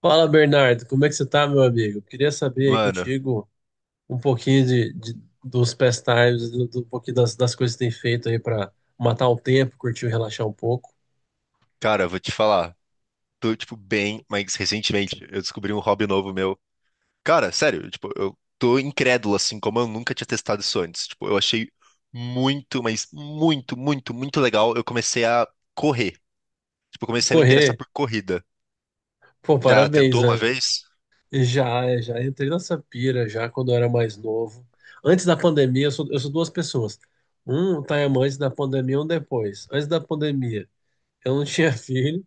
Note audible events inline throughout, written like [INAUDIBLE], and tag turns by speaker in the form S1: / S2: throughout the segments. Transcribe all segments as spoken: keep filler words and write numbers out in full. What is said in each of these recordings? S1: Fala, Bernardo, como é que você tá, meu amigo? Queria saber aí
S2: Mano,
S1: contigo um pouquinho de, de- dos pastimes, do, do, um pouquinho das, das coisas que tem feito aí pra matar o tempo, curtir e relaxar um pouco.
S2: cara, eu vou te falar. Tô, tipo, bem, mas recentemente eu descobri um hobby novo meu. Cara, sério, tipo, eu tô incrédulo, assim, como eu nunca tinha testado isso antes. Tipo, eu achei muito, mas muito, muito, muito legal. Eu comecei a correr. Tipo, eu comecei a me interessar
S1: Correr,
S2: por corrida.
S1: pô,
S2: Já
S1: parabéns,
S2: tentou uma
S1: né?
S2: vez?
S1: Já, já entrei nessa pira já quando eu era mais novo. Antes da pandemia, eu sou, eu sou duas pessoas. Um time antes da pandemia, um depois. Antes da pandemia, eu não tinha [LAUGHS] filho,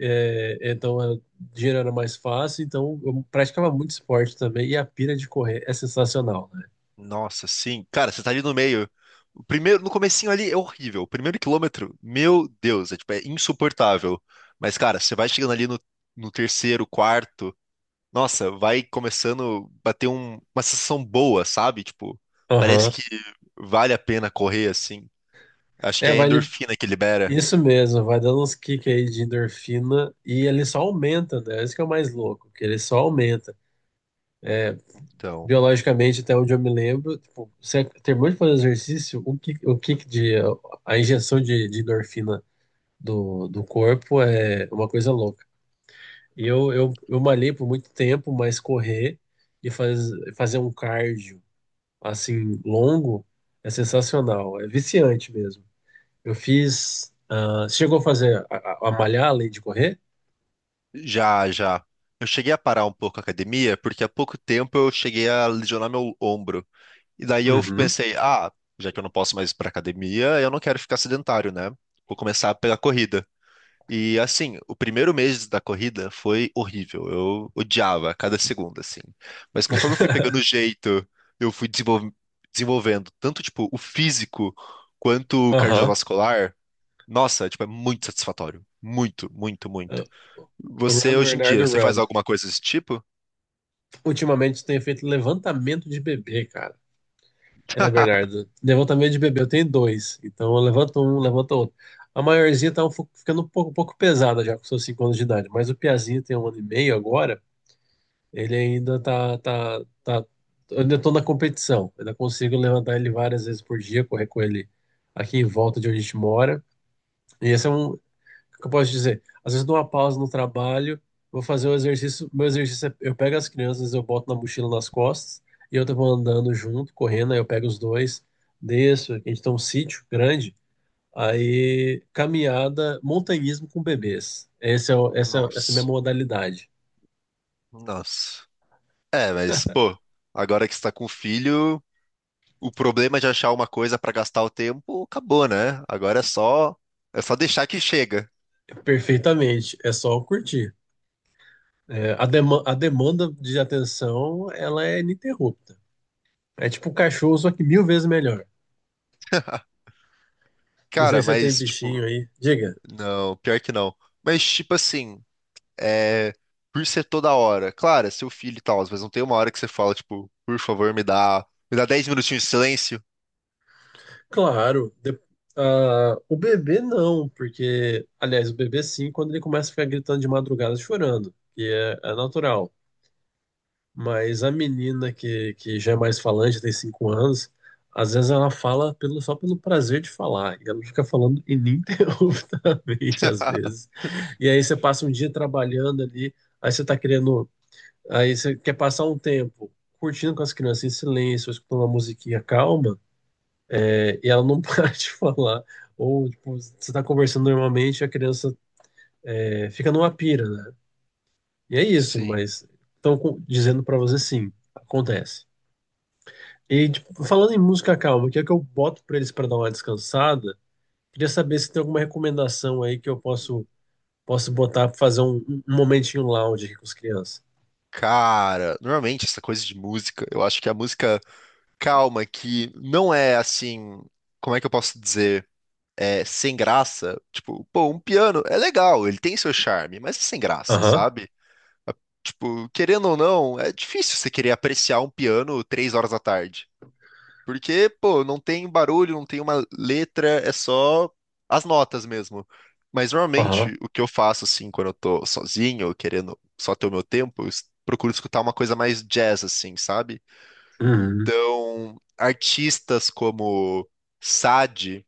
S1: é, então era- dinheiro era mais fácil, então eu praticava muito esporte também, e a pira de correr é sensacional, né?
S2: Nossa, sim. Cara, você tá ali no meio. O primeiro, no comecinho ali é horrível. O primeiro quilômetro, meu Deus, é, tipo, é insuportável. Mas, cara, você vai chegando ali no, no terceiro, quarto. Nossa, vai começando a bater um- uma sensação boa, sabe? Tipo, parece
S1: Aham.
S2: que vale a pena correr assim. Acho que
S1: É,
S2: é a
S1: vai, li-
S2: endorfina que libera.
S1: isso mesmo, vai dando uns kicks aí de endorfina e ele só aumenta, né? Isso que é o mais louco, que ele só aumenta.
S2: Então,
S1: Biologicamente, até onde eu me lembro, tipo, você terminou de fazer exercício, o kick, o kick de, a injeção de, de endorfina do, do corpo é uma coisa louca. E eu, eu, eu malhei por muito tempo, mas correr e faz, fazer um cardio assim longo é sensacional, é viciante mesmo. Eu fiz. Ah, você chegou a fazer a, a- a malhar além de correr?
S2: já, já. Eu cheguei a parar um pouco a academia, porque há pouco tempo eu cheguei a lesionar meu ombro. E daí eu
S1: Uhum.
S2: pensei, ah, já que eu não posso mais ir pra academia, eu não quero ficar sedentário, né? Vou começar a pegar corrida. E assim, o primeiro mês da corrida foi horrível. Eu odiava cada segundo, assim. Mas conforme eu fui pegando o
S1: [LAUGHS]
S2: jeito, eu fui desenvol- desenvolvendo tanto, tipo, o físico quanto o
S1: Aham.
S2: cardiovascular. Nossa, tipo, é muito satisfatório. Muito, muito, muito.
S1: O
S2: Você,
S1: Run,
S2: hoje em
S1: Bernardo,
S2: dia, você faz
S1: Run.
S2: alguma coisa desse tipo?
S1: Ultimamente eu tenho feito levantamento de bebê, cara. É,
S2: [LAUGHS]
S1: Bernardo. Levantamento de bebê, eu tenho dois. Então eu levanto um, levanto outro. A maiorzinha tá um fo- ficando um pouco, um pouco pesada já com seus cinco anos de idade, mas o Piazinho tem um ano e meio agora. Ele ainda tá, tá, tá, eu ainda tô na competição. Ainda consigo levantar ele várias vezes por dia, correr com ele aqui em volta de onde a gente mora. E esse é um, o que eu posso dizer, às vezes eu dou uma pausa no trabalho, vou fazer o exercício, meu exercício é, eu pego as crianças, eu boto na mochila nas costas e eu vou andando junto, correndo, aí eu pego os dois, desço, aqui a gente tem um sítio grande, aí caminhada, montanhismo com bebês. Esse é, o- essa, é- essa é a minha
S2: Nossa,
S1: modalidade.
S2: nossa. É, mas, pô, agora que você tá com filho, o problema de achar uma coisa pra gastar o tempo acabou, né? Agora é só, é só deixar que chega.
S1: Perfeitamente, é só curtir. É, a, dema- a demanda de atenção, ela é ininterrupta. É tipo um cachorro, só que mil vezes melhor. Não sei
S2: Cara,
S1: se você tem
S2: mas, tipo,
S1: bichinho aí. Diga.
S2: não, pior que não. Mas, tipo assim, é, por ser toda hora, claro, é seu filho e tal, mas não tem uma hora que você fala, tipo, por favor, me dá, me dá dez minutinhos de silêncio.
S1: Claro. de- ah, o bebê não, porque... Aliás, o bebê sim, quando ele começa a ficar gritando de madrugada, chorando. Que é, é natural. Mas a menina que, que já é mais falante, tem cinco anos, às vezes ela fala pelo, só pelo prazer de falar. E ela fica falando ininterruptamente, [LAUGHS] às
S2: [LAUGHS]
S1: vezes. E aí você passa um dia trabalhando ali, aí você tá querendo. Aí você quer passar um tempo curtindo com as crianças em silêncio, escutando uma musiquinha calma, é, e ela não [LAUGHS] para de falar. Ou, tipo, você tá conversando normalmente e a criança é, fica numa pira, né? E é isso,
S2: Sim.
S1: mas estão dizendo para você sim, acontece. E tipo, falando em música calma, que é que eu boto pra eles pra dar uma descansada? Queria saber se tem alguma recomendação aí que eu posso posso botar pra fazer um, um um momentinho lounge aqui com as crianças.
S2: Cara, normalmente essa coisa de música, eu acho que a música calma, que não é assim, como é que eu posso dizer? É sem graça. Tipo, pô, um piano é legal, ele tem seu charme, mas é sem graça,
S1: Aham,
S2: sabe? A- Tipo, querendo ou não, é difícil você querer apreciar um piano três horas da tarde. Porque, pô, não tem barulho, não tem uma letra, é só as notas mesmo. Mas
S1: aham.
S2: normalmente o que eu faço, assim, quando eu tô sozinho, querendo só ter o meu tempo, eu es- procuro escutar uma coisa mais jazz, assim, sabe?
S1: Uhum,
S2: Então, artistas como Sade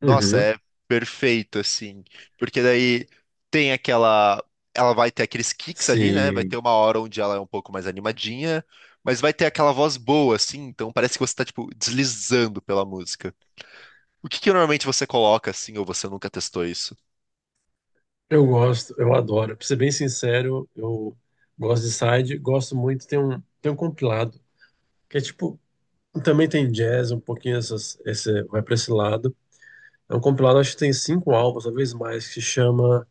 S2: nossa,
S1: uhum.
S2: é perfeito, assim. Porque daí tem aquela. Ela vai ter aqueles kicks ali, né? Vai ter
S1: Sim.
S2: uma hora onde ela é um pouco mais animadinha, mas vai ter aquela voz boa, assim. Então parece que você tá, tipo, deslizando pela música. O que que normalmente você coloca, assim, ou você nunca testou isso?
S1: Eu gosto, eu adoro. Pra ser bem sincero, eu gosto de side, gosto muito. Tem um, tem um compilado que é tipo. Também tem jazz, um pouquinho essas, esse, vai pra esse lado. É um compilado, acho que tem cinco álbuns, talvez mais, que se chama.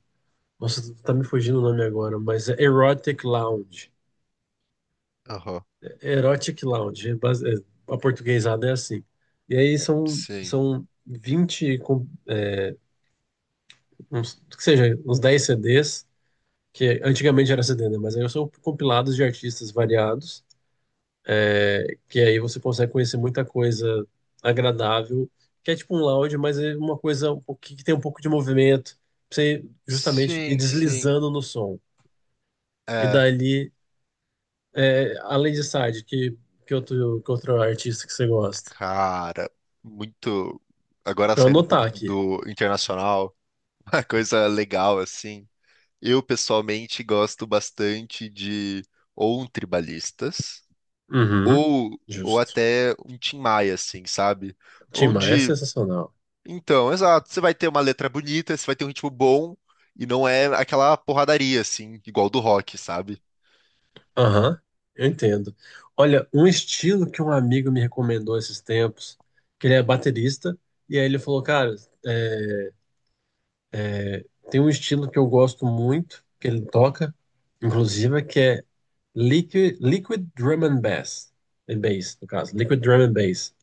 S1: Nossa, tu tá me fugindo o nome agora, mas é Erotic Lounge.
S2: Aham.
S1: Erotic Lounge, é base- é- a portuguesada é assim. E aí são,
S2: Sim.
S1: são vinte com, uns, que seja, uns dez C Ds, que antigamente era C D, né? Mas aí são compilados de artistas variados, que aí você consegue conhecer muita coisa agradável, que é tipo um lounge, mas é uma coisa um pouco- que tem um pouco de movimento, pra você justamente ir
S2: Sim, sim.
S1: deslizando no som. E
S2: É,
S1: dali é, além de Sade, que, que outro, que outro artista que você gosta?
S2: cara, muito. Agora
S1: Pra eu
S2: saindo um pouco
S1: anotar
S2: do
S1: aqui.
S2: do internacional, [LAUGHS] uma coisa legal, assim. Eu pessoalmente gosto bastante de ou um tribalistas
S1: Uhum.
S2: ou ou
S1: Justo.
S2: até um Tim Maia, assim, sabe?
S1: Tim Maia é
S2: Onde,
S1: sensacional.
S2: então, exato, você vai ter uma letra bonita, você vai ter um ritmo bom e não é aquela porradaria assim, igual do rock, sabe?
S1: Aham, eu entendo. Olha, um estilo que um amigo me recomendou esses tempos, que ele é baterista, e aí ele falou, cara, tem um estilo que eu gosto muito, que ele toca, inclusive, que é Liquid, liquid Drum and Bass, é bass, no caso, Liquid Drum and Bass,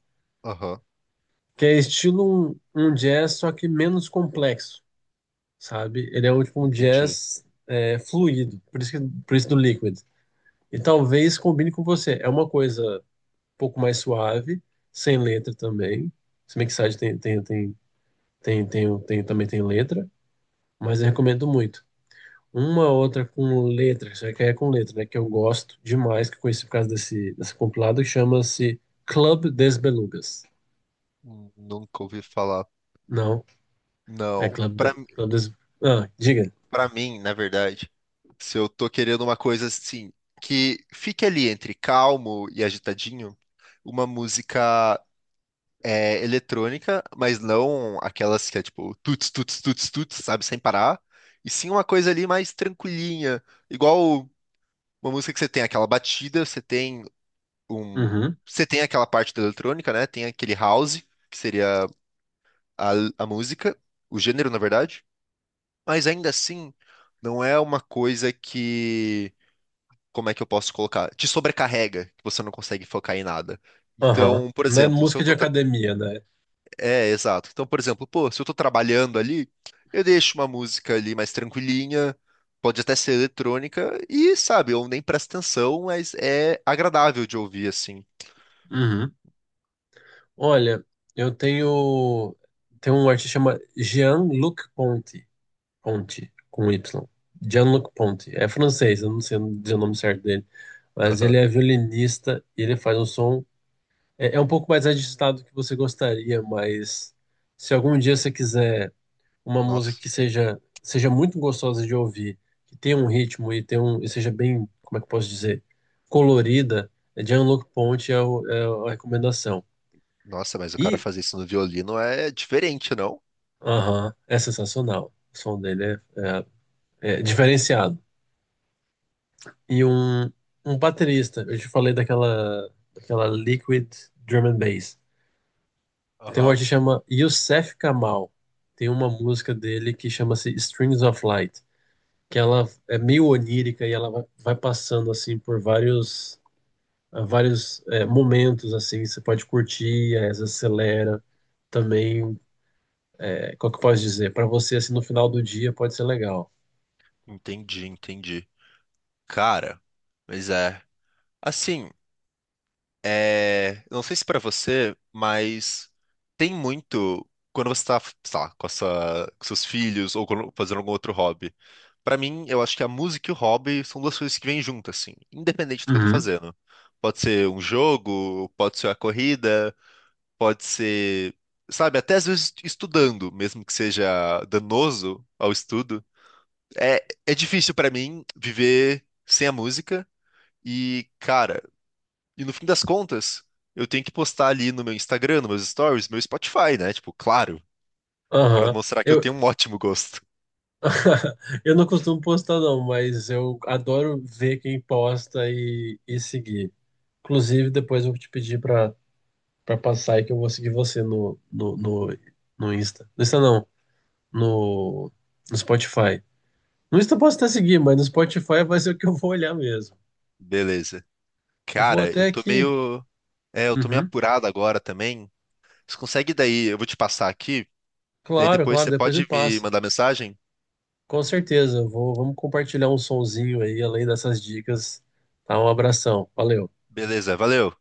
S2: Aham,
S1: que é estilo um, um jazz, só que menos complexo. Sabe? Ele é um, tipo, um
S2: entendi.
S1: jazz é, fluido, por isso que, por isso do Liquid. E talvez combine com você. É uma coisa um pouco mais suave, sem letra também. Se bem que Sade tem, tem, tem, tem, tem, tem- também tem letra, mas eu recomendo muito. Uma outra com letra, já que é com letra, né? Que eu gosto demais, que eu conheci por causa desse, desse compilado, que chama-se Club des Belugas.
S2: Hum, Nunca ouvi falar.
S1: Não, é
S2: Não,
S1: Club, de,
S2: pra
S1: Club des... Ah, diga.
S2: para mim, na verdade, se eu tô querendo uma coisa assim que fique ali entre calmo e agitadinho, uma música é eletrônica, mas não aquelas que é tipo tuts, tuts, tuts, tuts, sabe, sem parar. E sim uma coisa ali mais tranquilinha, igual uma música que você tem aquela batida, você tem um,
S1: Uhum,
S2: você tem aquela parte da eletrônica, né? Tem aquele house, que seria a, a música, o gênero, na verdade. Mas ainda assim, não é uma coisa que, como é que eu posso colocar? Te sobrecarrega, que você não consegue focar em nada.
S1: aham.
S2: Então, por
S1: Não é
S2: exemplo, se eu
S1: música de
S2: tô,
S1: academia, né?
S2: é, exato. Então, por exemplo, pô, se eu tô trabalhando ali, eu deixo uma música ali mais tranquilinha, pode até ser eletrônica, e sabe, eu nem presto atenção, mas é agradável de ouvir assim.
S1: Uhum. Olha, eu tenho tem um artista chama Jean-Luc Ponty, Ponty com Y. Jean-Luc Ponty. É francês, eu não sei dizer o nome certo dele, mas
S2: Aham.
S1: ele é violinista e ele faz um som é, é um pouco mais agitado do que você gostaria, mas se algum dia você quiser uma música
S2: Nossa,
S1: que seja seja muito gostosa de ouvir, que tenha um ritmo e tenha um e seja bem, como é que eu posso dizer, colorida, Jean-Luc Ponty é, o- é a recomendação.
S2: nossa, mas o cara
S1: E
S2: fazer isso no violino é diferente, não?
S1: aham, é sensacional. O som dele é, é- é diferenciado. E um, um baterista, eu te falei daquela, daquela Liquid Drum and Bass. Tem um
S2: Aham.
S1: artista que chama Youssef Kamal. Tem uma música dele que chama-se Strings of Light, que ela é meio onírica e ela vai, vai passando assim por vários, vários é, momentos assim. Você pode curtir, às vezes acelera também. É, qual que eu posso dizer? Para você assim no final do dia pode ser legal.
S2: Entendi, entendi. Cara, mas é. Assim, é. Não sei se pra você, mas tem muito. Quando você tá, sei lá, com a sua- com seus filhos ou quando- fazendo algum outro hobby. Pra mim, eu acho que a música e o hobby são duas coisas que vêm juntas, assim, independente do que eu tô
S1: Uhum.
S2: fazendo. Pode ser um jogo, pode ser a corrida, pode ser, sabe, até às vezes estudando, mesmo que seja danoso ao estudo. É, é difícil pra mim viver sem a música e, cara, e no fim das contas, eu tenho que postar ali no meu Instagram, nos meus stories, meu Spotify, né? Tipo, claro, pra
S1: Aham.
S2: mostrar que eu
S1: Eu,
S2: tenho um ótimo gosto.
S1: [LAUGHS] eu não costumo postar, não, mas eu adoro ver quem posta e, e seguir. Inclusive, depois eu vou te pedir para para passar e que eu vou seguir você no, no, no, no Insta. No Insta não, no, no Spotify. No Insta eu posso até seguir, mas no Spotify vai ser o que eu vou olhar mesmo.
S2: Beleza.
S1: Eu vou
S2: Cara, eu
S1: até
S2: tô
S1: aqui.
S2: meio. É, eu tô meio
S1: Uhum.
S2: apurado agora também. Você consegue daí? Eu vou te passar aqui. Daí
S1: Claro,
S2: depois
S1: claro,
S2: você
S1: depois me
S2: pode me
S1: passa.
S2: mandar mensagem?
S1: Com certeza, eu vou, vamos compartilhar um sonzinho aí, além dessas dicas. Tá, um abração. Valeu.
S2: Beleza, valeu.